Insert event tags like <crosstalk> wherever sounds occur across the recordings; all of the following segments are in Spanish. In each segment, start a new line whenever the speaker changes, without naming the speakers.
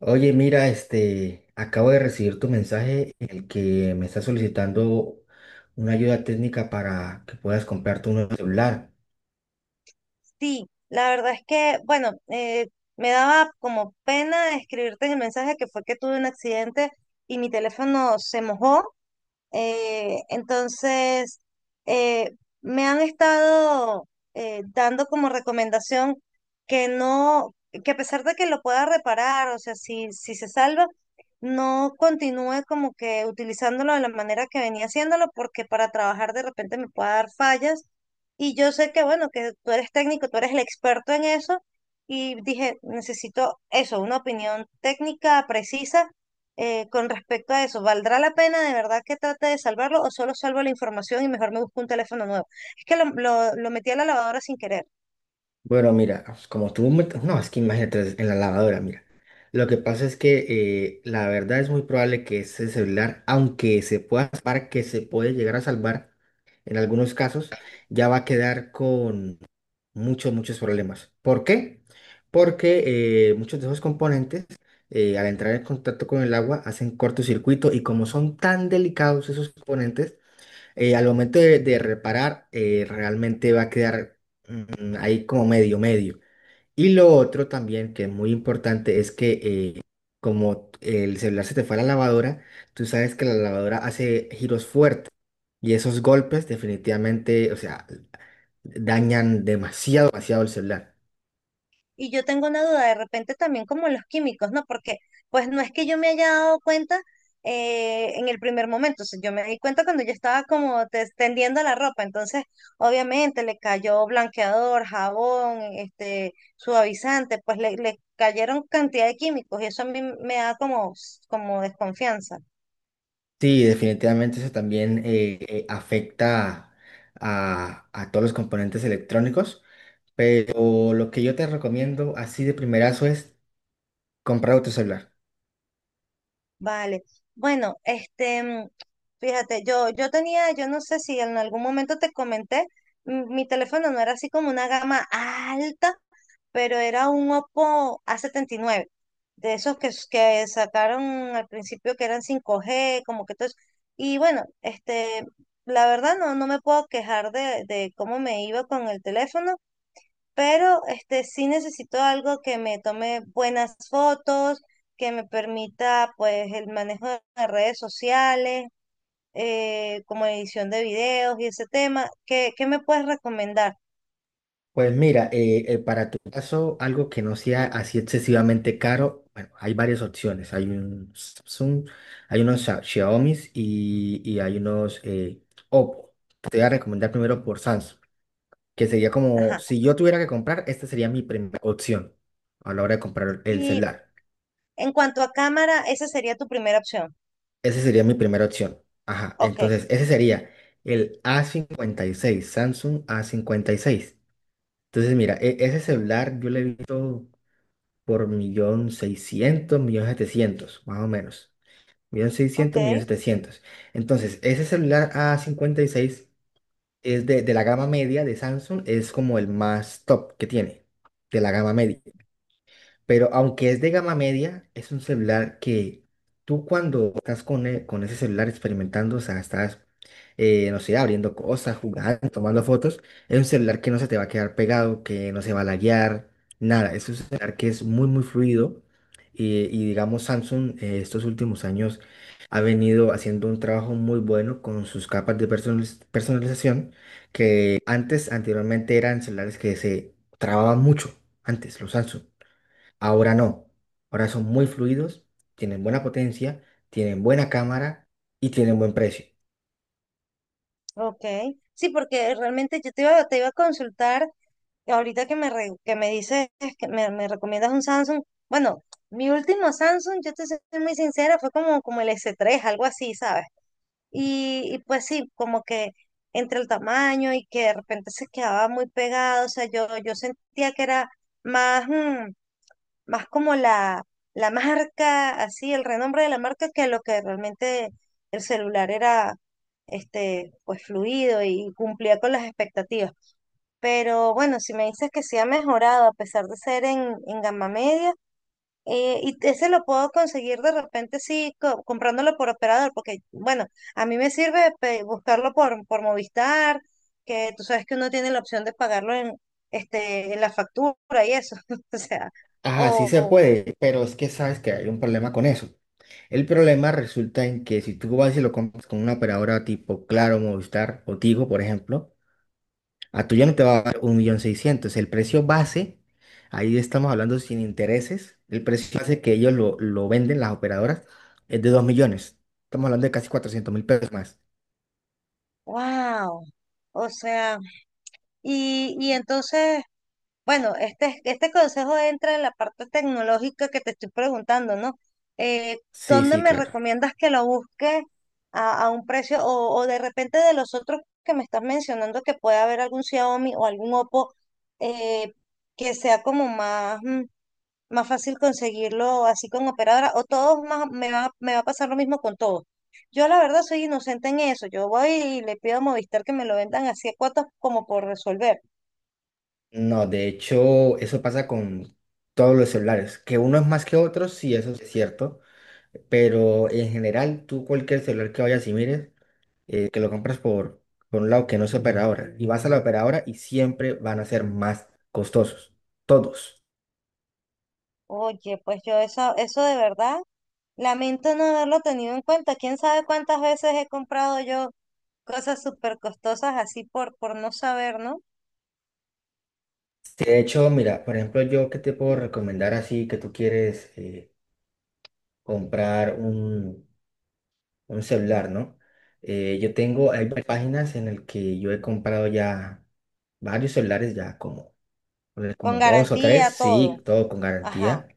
Oye, mira, acabo de recibir tu mensaje en el que me estás solicitando una ayuda técnica para que puedas comprarte un nuevo celular.
Sí, la verdad es que, bueno, me daba como pena escribirte el mensaje que fue que tuve un accidente y mi teléfono se mojó. Eh, entonces, eh, Me han estado dando como recomendación que no, que a pesar de que lo pueda reparar, o sea, si se salva, no continúe como que utilizándolo de la manera que venía haciéndolo, porque para trabajar de repente me pueda dar fallas. Y yo sé que, bueno, que tú eres técnico, tú eres el experto en eso. Y dije, necesito eso, una opinión técnica precisa con respecto a eso, ¿valdrá la pena de verdad que trate de salvarlo o solo salvo la información y mejor me busco un teléfono nuevo? Es que lo metí a la lavadora sin querer.
Bueno, mira, pues, como tú, no, es que imagínate en la lavadora, mira. Lo que pasa es que la verdad es muy probable que ese celular, aunque se pueda salvar, que se puede llegar a salvar en algunos casos, ya va a quedar muchos, muchos problemas. ¿Por qué? Porque muchos de esos componentes, al entrar en contacto con el agua, hacen cortocircuito y como son tan delicados esos componentes, al momento de reparar, realmente va a quedar ahí como medio, medio. Y lo otro también que es muy importante es que eh, como el celular se te fue a la lavadora, tú sabes que la lavadora hace giros fuertes. Y esos golpes definitivamente, o sea, dañan demasiado, demasiado el celular.
Y yo tengo una duda de repente también como los químicos, ¿no? Porque pues no es que yo me haya dado cuenta en el primer momento, o sea, yo me di cuenta cuando yo estaba como tendiendo la ropa, entonces obviamente le cayó blanqueador, jabón, este, suavizante, pues le cayeron cantidad de químicos y eso a mí me da como, como desconfianza.
Sí, definitivamente eso también afecta a todos los componentes electrónicos, pero lo que yo te recomiendo así de primerazo es comprar otro celular.
Vale. Bueno, este, fíjate, yo tenía, yo no sé si en algún momento te comenté, mi teléfono no era así como una gama alta, pero era un Oppo a 79 de esos que, que sacaron al principio que eran 5G, como que todo eso. Y bueno, este, la verdad no, no me puedo quejar de cómo me iba con el teléfono, pero este sí necesito algo que me tome buenas fotos, que me permita pues el manejo de las redes sociales, como edición de videos y ese tema. ¿Qué, qué me puedes recomendar?
Pues mira, para tu caso, algo que no sea así excesivamente caro, bueno, hay varias opciones. Hay un Samsung, hay unos Xiaomi y hay unos Oppo. Te voy a recomendar primero por Samsung, que sería como,
Ajá.
si yo tuviera que comprar, esta sería mi primera opción a la hora de comprar el
Y
celular.
en cuanto a cámara, esa sería tu primera opción.
Esa sería mi primera opción. Ajá,
Ok,
entonces ese sería el A56, Samsung A56. Entonces mira, ese celular yo le he visto por millón seiscientos, millón setecientos, más o menos. Millón
ok,
seiscientos, millón setecientos. Entonces, ese celular a 56 es de la gama media de Samsung, es como el más top que tiene, de la gama media. Pero aunque es de gama media, es un celular que tú cuando estás con ese celular experimentando, o sea, estás, no sé, abriendo cosas, jugando, tomando fotos, es un celular que no se te va a quedar pegado, que no se va a laguear, nada. Es un celular que es muy, muy fluido. Y digamos, Samsung estos últimos años ha venido haciendo un trabajo muy bueno con sus capas de personalización, que antes, anteriormente eran celulares que se trababan mucho, antes, los Samsung. Ahora no. Ahora son muy fluidos, tienen buena potencia, tienen buena cámara y tienen buen precio.
ok. Sí, porque realmente yo te iba a consultar. Ahorita que me, que me dices que me recomiendas un Samsung, bueno, mi último Samsung, yo te soy muy sincera, fue como, como el s tres algo así, ¿sabes? Y pues sí, como que entre el tamaño y que de repente se quedaba muy pegado, o sea, yo sentía que era más, más como la marca, así, el renombre de la marca, que lo que realmente el celular era, este, pues fluido y cumplía con las expectativas. Pero bueno, si me dices que sí ha mejorado a pesar de ser en gama media, y ese lo puedo conseguir de repente sí comprándolo por operador, porque bueno, a mí me sirve buscarlo por Movistar, que tú sabes que uno tiene la opción de pagarlo en, este, en la factura y eso, <laughs> o sea,
Ajá, sí se
o
puede, pero es que sabes que hay un problema con eso. El problema resulta en que si tú vas y lo compras con una operadora tipo Claro, Movistar o Tigo, por ejemplo, a tú ya no te va a dar un millón seiscientos. El precio base, ahí estamos hablando sin intereses, el precio base que ellos lo venden, las operadoras, es de 2 millones. Estamos hablando de casi 400.000 pesos más.
wow, o sea, y entonces... Bueno, este consejo entra en la parte tecnológica que te estoy preguntando, ¿no? Eh,
Sí,
¿Dónde
sí,
me
claro.
recomiendas que lo busque a un precio o de repente de los otros que me estás mencionando que puede haber algún Xiaomi o algún Oppo, eh, que sea como más, más fácil conseguirlo así con operadora o todos más, me va a pasar lo mismo con todos? Yo la verdad soy inocente en eso, yo voy y le pido a Movistar que me lo vendan así a cuotas como por resolver.
No, de hecho, eso pasa con todos los celulares, que unos más que otros, sí, eso es cierto, pero en general, tú cualquier celular que vayas y mires, que lo compras por un lado que no es operadora, y vas a la operadora y siempre van a ser más costosos, todos.
Oye, pues yo eso, eso de verdad, lamento no haberlo tenido en cuenta. ¿Quién sabe cuántas veces he comprado yo cosas súper costosas así por no saber, ¿no?
Sí, de hecho, mira, por ejemplo, yo qué te puedo recomendar así que tú quieres comprar un celular, ¿no? Yo tengo, hay varias páginas en las que yo he comprado ya varios celulares ya como pues,
Con
como dos o
garantía,
tres,
todo.
sí, todo con
Ajá.
garantía,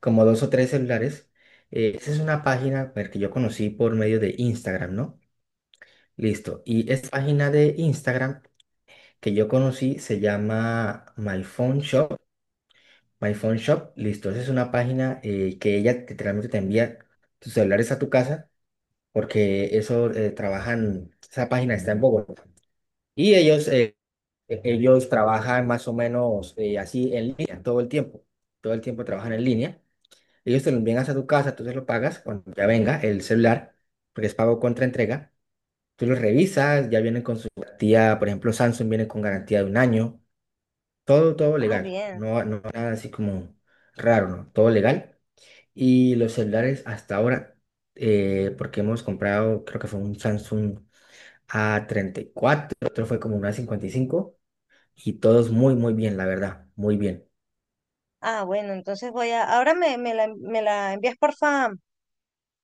como dos o tres celulares. Esa es una página pues, que yo conocí por medio de Instagram, ¿no? Listo. Y esta página de Instagram que yo conocí se llama My Phone Shop. My Phone Shop, listo. Esa es una página que ella literalmente te envía tus celulares a tu casa porque eso trabajan, esa página está en Bogotá. Y ellos, ellos trabajan más o menos así en línea todo el tiempo trabajan en línea. Ellos te lo envían hasta tu casa, tú se lo pagas cuando ya venga el celular, porque es pago contra entrega. Tú lo revisas, ya vienen con su garantía, por ejemplo, Samsung viene con garantía de un año, todo, todo
Ah,
legal,
bien.
no, no nada así como raro, ¿no? Todo legal. Y los celulares hasta ahora, porque hemos comprado, creo que fue un Samsung a 34, otro fue como un a 55 y todos muy, muy bien, la verdad, muy bien.
Ah, bueno, entonces voy a, ahora me, me la envías, porfa,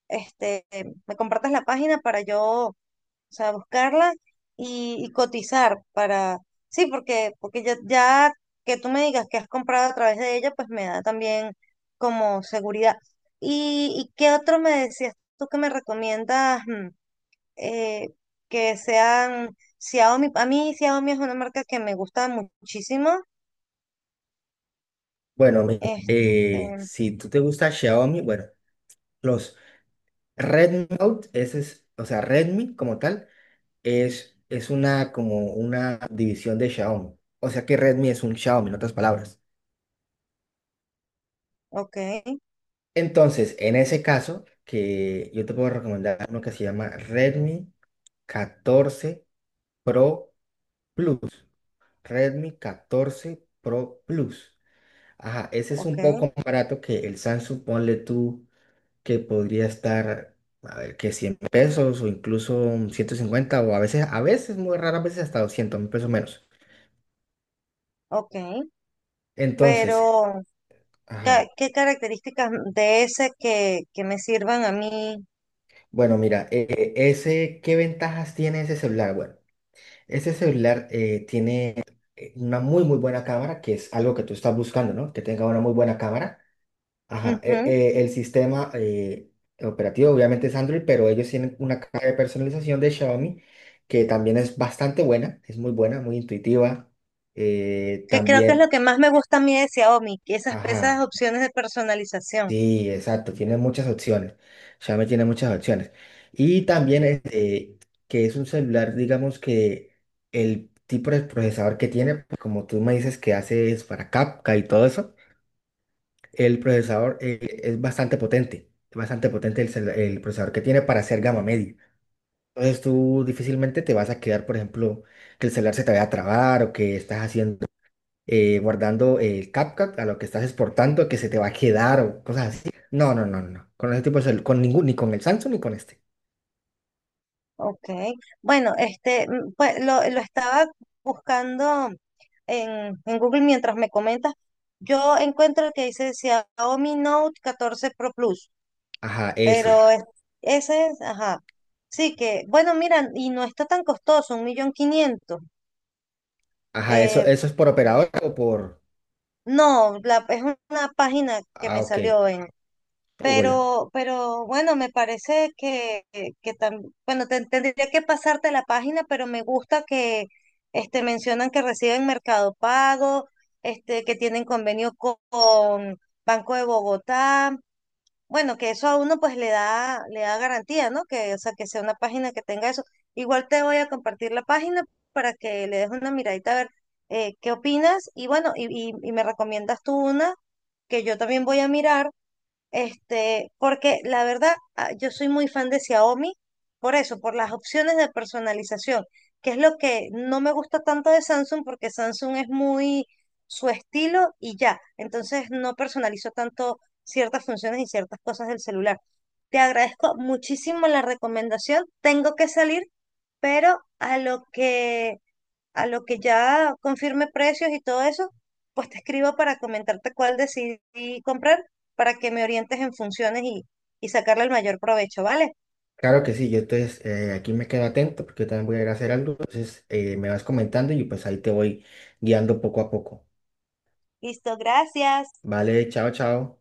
este, me compartas la página para yo, o sea, buscarla y cotizar para, sí, porque, porque ya, ya que tú me digas que has comprado a través de ella, pues me da también como seguridad. Y qué otro me decías tú que me recomiendas, eh, que sean Xiaomi? A mí Xiaomi es una marca que me gusta muchísimo.
Bueno,
Este,
si tú te gusta Xiaomi, bueno. Los Red Note, ese es, o sea, Redmi como tal, es una, como una división de Xiaomi. O sea que Redmi es un Xiaomi, en otras palabras.
ok,
Entonces, en ese caso, que yo te puedo recomendar uno que se llama Redmi 14 Pro Plus. Redmi catorce Pro Plus. Ajá, ese es un
ok,
poco más barato que el Samsung, ponle tú que podría estar, a ver, que 100 pesos o incluso 150 o a veces, muy raras veces hasta 200.000 pesos menos.
ok,
Entonces,
pero... ¿Qué,
ajá.
qué características de ese que me sirvan a mí?
Bueno, mira, ese, ¿qué ventajas tiene ese celular? Bueno, ese celular tiene una muy, muy buena cámara, que es algo que tú estás buscando, ¿no? Que tenga una muy buena cámara. Ajá,
Ujú.
el sistema operativo obviamente es Android, pero ellos tienen una caja de personalización de Xiaomi que también es bastante buena, es muy buena, muy intuitiva.
Que creo que es lo
También,
que más me gusta a mí de Xiaomi, que esas, esas
ajá,
opciones de personalización.
sí, exacto, tiene muchas opciones. Xiaomi tiene muchas opciones. Y también este, que es un celular, digamos que el tipo de procesador que tiene, pues, como tú me dices que haces para capca y todo eso. El procesador es bastante potente el procesador que tiene para hacer gama media. Entonces tú difícilmente te vas a quedar, por ejemplo, que el celular se te vaya a trabar o que estás haciendo, guardando el CapCut a lo que estás exportando, que se te va a quedar o cosas así. No, no, no, no. Con ese tipo de con ningún, ni con el Samsung ni con este.
Ok. Bueno, este, pues lo estaba buscando en Google mientras me comentas. Yo encuentro el que dice Xiaomi Note 14 Pro Plus,
Ajá, ese.
pero ese es, ajá. Sí que, bueno, mira, y no está tan costoso, 1.500.000.
Ajá, eso,
Eh,
eso es por operador o por...
no, la, es una página que
Ah,
me
ok.
salió en,
Google.
pero bueno, me parece que bueno, tendría que pasarte la página, pero me gusta que este, mencionan que reciben Mercado Pago, este, que tienen convenio con Banco de Bogotá. Bueno, que eso a uno pues le da garantía, ¿no? Que, o sea, que sea una página que tenga eso. Igual te voy a compartir la página para que le des una miradita a ver, qué opinas. Y bueno, y me recomiendas tú una que yo también voy a mirar este, porque la verdad, ah, yo soy muy fan de Xiaomi, por eso, por las opciones de personalización, que es lo que no me gusta tanto de Samsung, porque Samsung es muy su estilo y ya. Entonces no personalizo tanto ciertas funciones y ciertas cosas del celular. Te agradezco muchísimo la recomendación. Tengo que salir, pero a lo que ya confirme precios y todo eso, pues te escribo para comentarte cuál decidí comprar, para que me orientes en funciones y sacarle el mayor provecho, ¿vale?
Claro que sí, yo entonces aquí me quedo atento porque yo también voy a ir a hacer algo, entonces me vas comentando y pues ahí te voy guiando poco a poco.
Listo, gracias.
Vale, chao, chao.